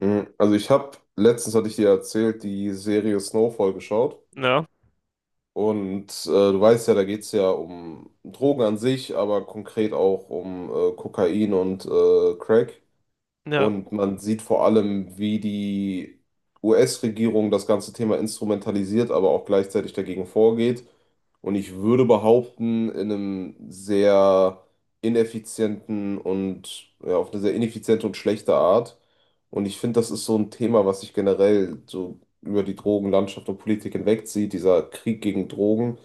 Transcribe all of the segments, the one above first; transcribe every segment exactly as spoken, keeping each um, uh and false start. Mhm. Also ich habe, letztens hatte ich dir erzählt, die Serie Snowfall geschaut. Ja, Und äh, du weißt ja, da geht es ja um Drogen an sich, aber konkret auch um äh, Kokain und äh, Crack. ja, Und man sieht vor allem, wie die U S-Regierung das ganze Thema instrumentalisiert, aber auch gleichzeitig dagegen vorgeht. Und ich würde behaupten, in einem sehr ineffizienten und ja, auf eine sehr ineffiziente und schlechte Art. Und ich finde, das ist so ein Thema, was sich generell so über die Drogenlandschaft und Politik hinwegzieht, dieser Krieg gegen Drogen.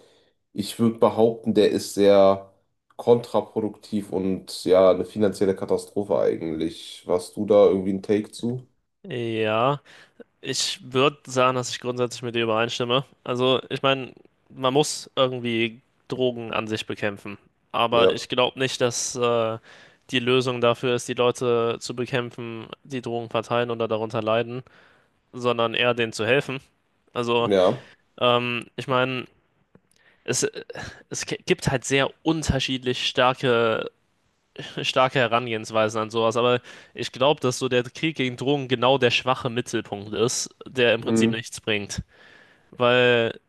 Ich würde behaupten, der ist sehr kontraproduktiv und ja, eine finanzielle Katastrophe eigentlich. Warst du da irgendwie ein Take zu? ja. Ich würde sagen, dass ich grundsätzlich mit dir übereinstimme. Also, ich meine, man muss irgendwie Drogen an sich bekämpfen. Aber Ja, ich glaube nicht, dass äh, die Lösung dafür ist, die Leute zu bekämpfen, die Drogen verteilen oder darunter leiden, sondern eher denen zu helfen. Also, ja, ähm, ich meine, es, es gibt halt sehr unterschiedlich starke starke Herangehensweisen an sowas, aber ich glaube, dass so der Krieg gegen Drogen genau der schwache Mittelpunkt ist, der im Prinzip mhm. nichts bringt. Weil,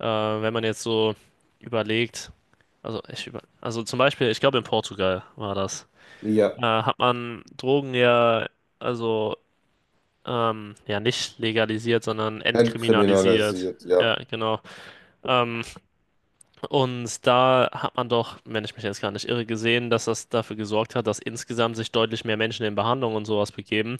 äh, wenn man jetzt so überlegt, also, ich über, also zum Beispiel, ich glaube, in Portugal war das, Ja, äh, hat man Drogen ja, also, ähm, ja, nicht legalisiert, sondern entkriminalisiert. entkriminalisiert, ja. Ja, genau. Ähm, Und da hat man doch, wenn ich mich jetzt gar nicht irre, gesehen, dass das dafür gesorgt hat, dass insgesamt sich deutlich mehr Menschen in Behandlung und sowas begeben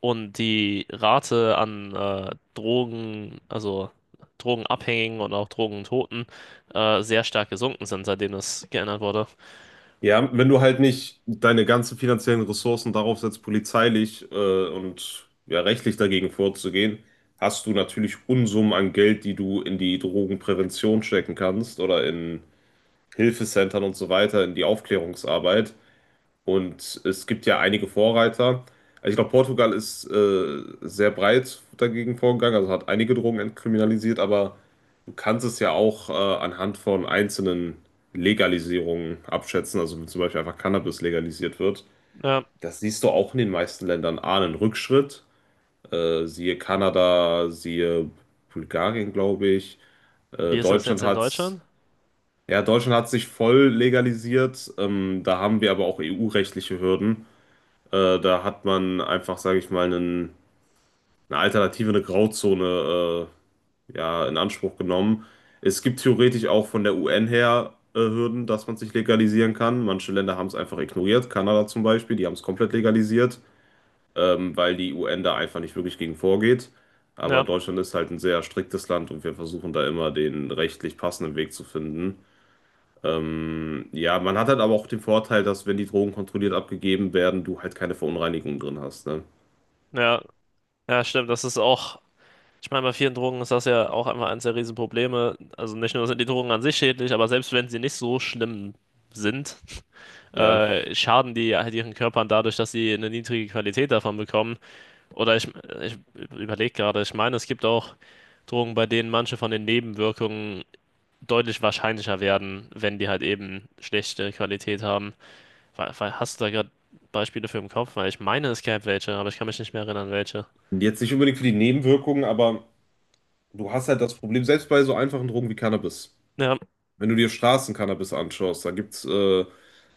und die Rate an äh, Drogen, also Drogenabhängigen und auch Drogentoten äh, sehr stark gesunken sind, seitdem das geändert wurde. Ja, wenn du halt nicht deine ganzen finanziellen Ressourcen darauf setzt, polizeilich äh, und ja, rechtlich dagegen vorzugehen, hast du natürlich Unsummen an Geld, die du in die Drogenprävention stecken kannst oder in Hilfecentern und so weiter, in die Aufklärungsarbeit. Und es gibt ja einige Vorreiter. Also ich glaube, Portugal ist äh, sehr breit dagegen vorgegangen, also hat einige Drogen entkriminalisiert, aber du kannst es ja auch äh, anhand von einzelnen Legalisierungen abschätzen, also wenn zum Beispiel einfach Cannabis legalisiert wird. Ja, Das siehst du auch in den meisten Ländern. A, einen Rückschritt, äh, siehe Kanada, siehe Bulgarien, glaube ich. wie Äh, ist das Deutschland jetzt in hat's, Deutschland? ja, Deutschland hat sich voll legalisiert. Ähm, da haben wir aber auch E U-rechtliche Hürden. Äh, da hat man einfach, sage ich mal, einen, eine Alternative, eine Grauzone äh, ja, in Anspruch genommen. Es gibt theoretisch auch von der U N her äh, Hürden, dass man sich legalisieren kann. Manche Länder haben es einfach ignoriert, Kanada zum Beispiel, die haben es komplett legalisiert, ähm, weil die U N da einfach nicht wirklich gegen vorgeht. Aber Ja, Deutschland ist halt ein sehr striktes Land und wir versuchen da immer den rechtlich passenden Weg zu finden. Ähm, ja, man hat halt aber auch den Vorteil, dass wenn die Drogen kontrolliert abgegeben werden, du halt keine Verunreinigungen drin hast, ne? ja, ja, stimmt, das ist auch. Ich meine, bei vielen Drogen ist das ja auch einfach eines der Riesenprobleme. Also nicht nur sind die Drogen an sich schädlich, aber selbst wenn sie nicht so schlimm sind, Ja. äh, schaden die halt ihren Körpern dadurch, dass sie eine niedrige Qualität davon bekommen. Oder ich, ich überlege gerade, ich meine, es gibt auch Drogen, bei denen manche von den Nebenwirkungen deutlich wahrscheinlicher werden, wenn die halt eben schlechte Qualität haben. Weil- weil- Hast du da gerade Beispiele für im Kopf? Weil ich meine, es gäbe welche, aber ich kann mich nicht mehr erinnern, welche. Und jetzt nicht unbedingt für die Nebenwirkungen, aber du hast halt das Problem, selbst bei so einfachen Drogen wie Cannabis. Ja, Wenn du dir Straßencannabis anschaust, da gibt es äh,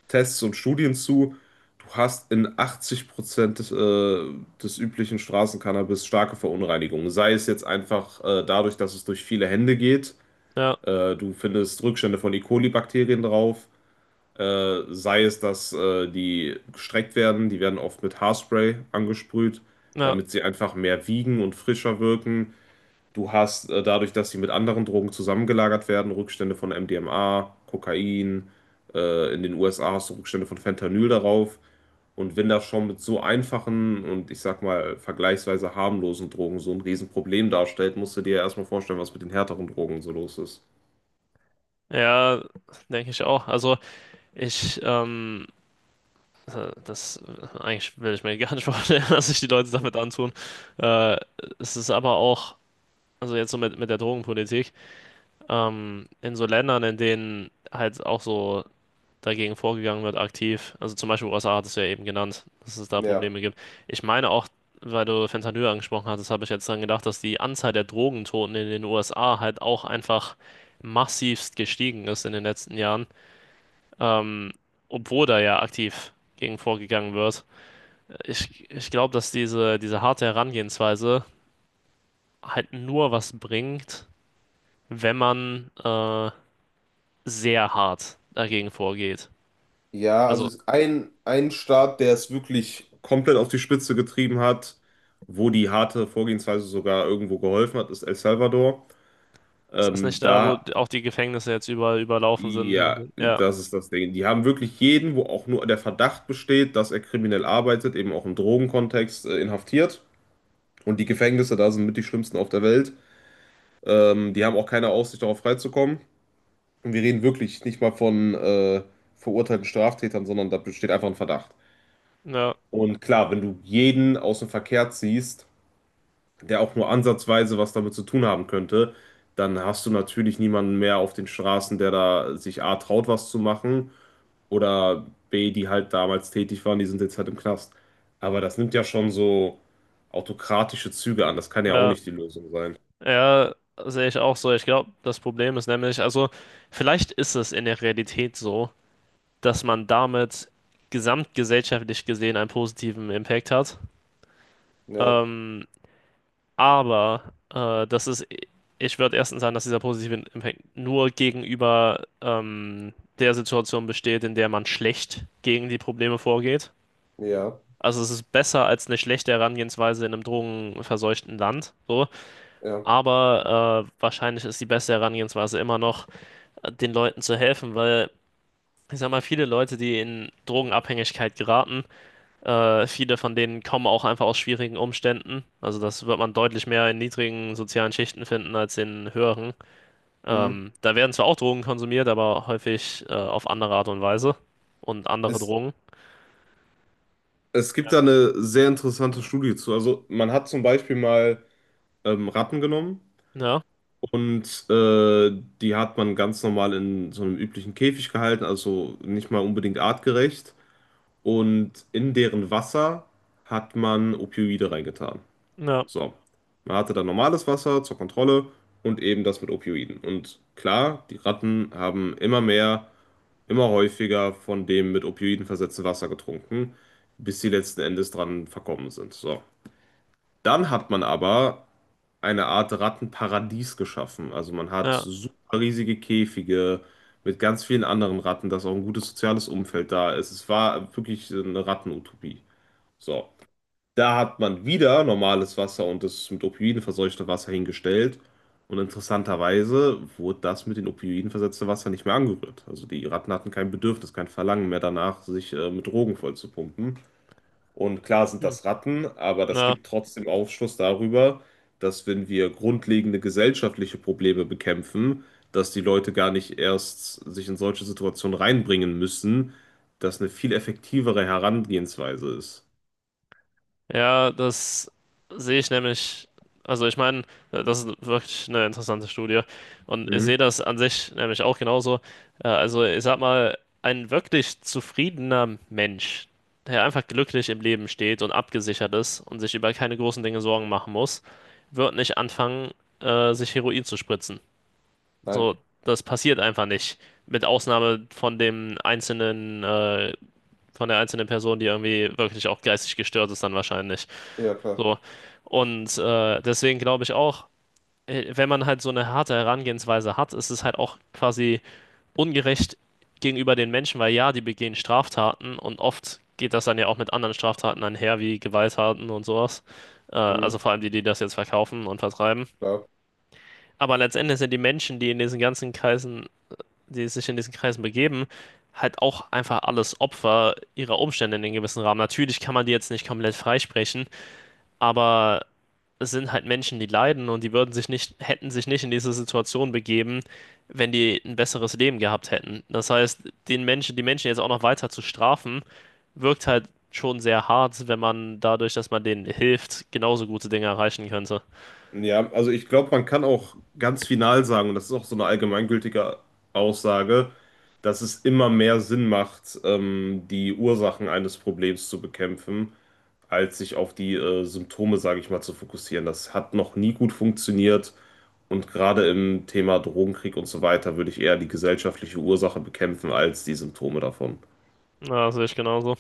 Tests und Studien zu. Du hast in achtzig Prozent des, äh, des üblichen Straßencannabis starke Verunreinigungen. Sei es jetzt einfach äh, dadurch, dass es durch viele Hände geht. ja, Äh, du findest Rückstände von E. coli-Bakterien drauf. Äh, sei es, dass äh, die gestreckt werden. Die werden oft mit Haarspray angesprüht, ja. damit sie einfach mehr wiegen und frischer wirken. Du hast äh, dadurch, dass sie mit anderen Drogen zusammengelagert werden, Rückstände von M D M A, Kokain. Äh, in den U S A hast du Rückstände von Fentanyl darauf. Und wenn das schon mit so einfachen und ich sag mal vergleichsweise harmlosen Drogen so ein Riesenproblem darstellt, musst du dir ja erstmal vorstellen, was mit den härteren Drogen so los ist. Ja, denke ich auch. Also ich ähm, äh, das äh, eigentlich will ich mir gar nicht vorstellen, dass sich die Leute damit antun. Äh, es ist aber auch, also jetzt so mit, mit der Drogenpolitik, ähm, in so Ländern, in denen halt auch so dagegen vorgegangen wird, aktiv, also zum Beispiel U S A hattest du ja eben genannt, dass es da Ja. Probleme gibt. Ich meine auch, weil du Fentanyl angesprochen hattest, habe ich jetzt dann gedacht, dass die Anzahl der Drogentoten in den U S A halt auch einfach massivst gestiegen ist in den letzten Jahren, ähm, obwohl da ja aktiv gegen vorgegangen wird. Ich, ich glaube, dass diese, diese harte Herangehensweise halt nur was bringt, wenn man äh, sehr hart dagegen vorgeht. Ja, also Also, ist ein, ein Staat, der es wirklich komplett auf die Spitze getrieben hat, wo die harte Vorgehensweise sogar irgendwo geholfen hat, ist El Salvador. ist das Ähm, nicht da, wo da auch die Gefängnisse jetzt überall überlaufen Ja, sind? Ja, das ist das Ding. Die haben wirklich jeden, wo auch nur der Verdacht besteht, dass er kriminell arbeitet, eben auch im Drogenkontext, äh, inhaftiert. Und die Gefängnisse da sind mit die schlimmsten auf der Welt. Ähm, die haben auch keine Aussicht darauf freizukommen. Und wir reden wirklich nicht mal von äh, verurteilten Straftätern, sondern da besteht einfach ein Verdacht. ja, Und klar, wenn du jeden aus dem Verkehr ziehst, der auch nur ansatzweise was damit zu tun haben könnte, dann hast du natürlich niemanden mehr auf den Straßen, der da sich A traut, was zu machen. Oder B, die halt damals tätig waren, die sind jetzt halt im Knast. Aber das nimmt ja schon so autokratische Züge an. Das kann ja auch ja, nicht die Lösung sein. ja, sehe ich auch so. Ich glaube, das Problem ist nämlich, also, vielleicht ist es in der Realität so, dass man damit gesamtgesellschaftlich gesehen einen positiven Impact hat. Ja, Ähm, Aber äh, das ist, ich würde erstens sagen, dass dieser positive Impact nur gegenüber ähm, der Situation besteht, in der man schlecht gegen die Probleme vorgeht. ja, Also es ist besser als eine schlechte Herangehensweise in einem drogenverseuchten Land, so. ja. Aber äh, wahrscheinlich ist die beste Herangehensweise immer noch, äh, den Leuten zu helfen, weil ich sag mal, viele Leute, die in Drogenabhängigkeit geraten, äh, viele von denen kommen auch einfach aus schwierigen Umständen. Also das wird man deutlich mehr in niedrigen sozialen Schichten finden als in höheren. Mhm. Ähm, da werden zwar auch Drogen konsumiert, aber häufig äh, auf andere Art und Weise und andere Es, Drogen. es gibt Ja, da eine sehr interessante Studie zu. Also man hat zum Beispiel mal ähm, Ratten genommen ja, und äh, die hat man ganz normal in so einem üblichen Käfig gehalten, also nicht mal unbedingt artgerecht. Und in deren Wasser hat man Opioide reingetan. ja, So, man hatte dann normales Wasser zur Kontrolle und eben das mit Opioiden. Und klar, die Ratten haben immer mehr, immer häufiger von dem mit Opioiden versetzten Wasser getrunken, bis sie letzten Endes dran verkommen sind. So, dann hat man aber eine Art Rattenparadies geschaffen. Also man hat ja. super riesige Käfige mit ganz vielen anderen Ratten, dass auch ein gutes soziales Umfeld da ist. Es war wirklich eine Rattenutopie. So. Da hat man wieder normales Wasser und das mit Opioiden verseuchte Wasser hingestellt. Und interessanterweise wurde das mit den Opioiden versetzte Wasser nicht mehr angerührt. Also die Ratten hatten kein Bedürfnis, kein Verlangen mehr danach, sich äh, mit Drogen vollzupumpen. Und klar sind Hm. das Ratten, aber das Ja. gibt trotzdem Aufschluss darüber, dass wenn wir grundlegende gesellschaftliche Probleme bekämpfen, dass die Leute gar nicht erst sich in solche Situationen reinbringen müssen, dass eine viel effektivere Herangehensweise ist. Ja, das sehe ich nämlich. Also ich meine, äh, das ist wirklich eine interessante Studie. Und ich sehe Hm? das an sich nämlich auch genauso. Äh, Also ich sag mal, ein wirklich zufriedener Mensch, der einfach glücklich im Leben steht und abgesichert ist und sich über keine großen Dinge Sorgen machen muss, wird nicht anfangen, äh, sich Heroin zu spritzen. Nein. So, das passiert einfach nicht. Mit Ausnahme von dem einzelnen, äh, von der einzelnen Person, die irgendwie wirklich auch geistig gestört ist, dann wahrscheinlich. Ja, klar. So. Und äh, deswegen glaube ich auch, äh, wenn man halt so eine harte Herangehensweise hat, ist es halt auch quasi ungerecht gegenüber den Menschen, weil ja, die begehen Straftaten und oft geht das dann ja auch mit anderen Straftaten einher, wie Gewalttaten und sowas. Äh, Mhm, also vor allem die, die das jetzt verkaufen und vertreiben. klar. Aber letztendlich sind die Menschen, die in diesen ganzen Kreisen, die sich in diesen Kreisen begeben, halt auch einfach alles Opfer ihrer Umstände in einem gewissen Rahmen. Natürlich kann man die jetzt nicht komplett freisprechen, aber es sind halt Menschen, die leiden und die würden sich nicht, hätten sich nicht in diese Situation begeben, wenn die ein besseres Leben gehabt hätten. Das heißt, den Menschen, die Menschen jetzt auch noch weiter zu strafen, wirkt halt schon sehr hart, wenn man dadurch, dass man denen hilft, genauso gute Dinge erreichen könnte. Ja, also ich glaube, man kann auch ganz final sagen, und das ist auch so eine allgemeingültige Aussage, dass es immer mehr Sinn macht, ähm, die Ursachen eines Problems zu bekämpfen, als sich auf die äh, Symptome, sage ich mal, zu fokussieren. Das hat noch nie gut funktioniert. Und gerade im Thema Drogenkrieg und so weiter würde ich eher die gesellschaftliche Ursache bekämpfen als die Symptome davon. Ja, das sehe ich genauso.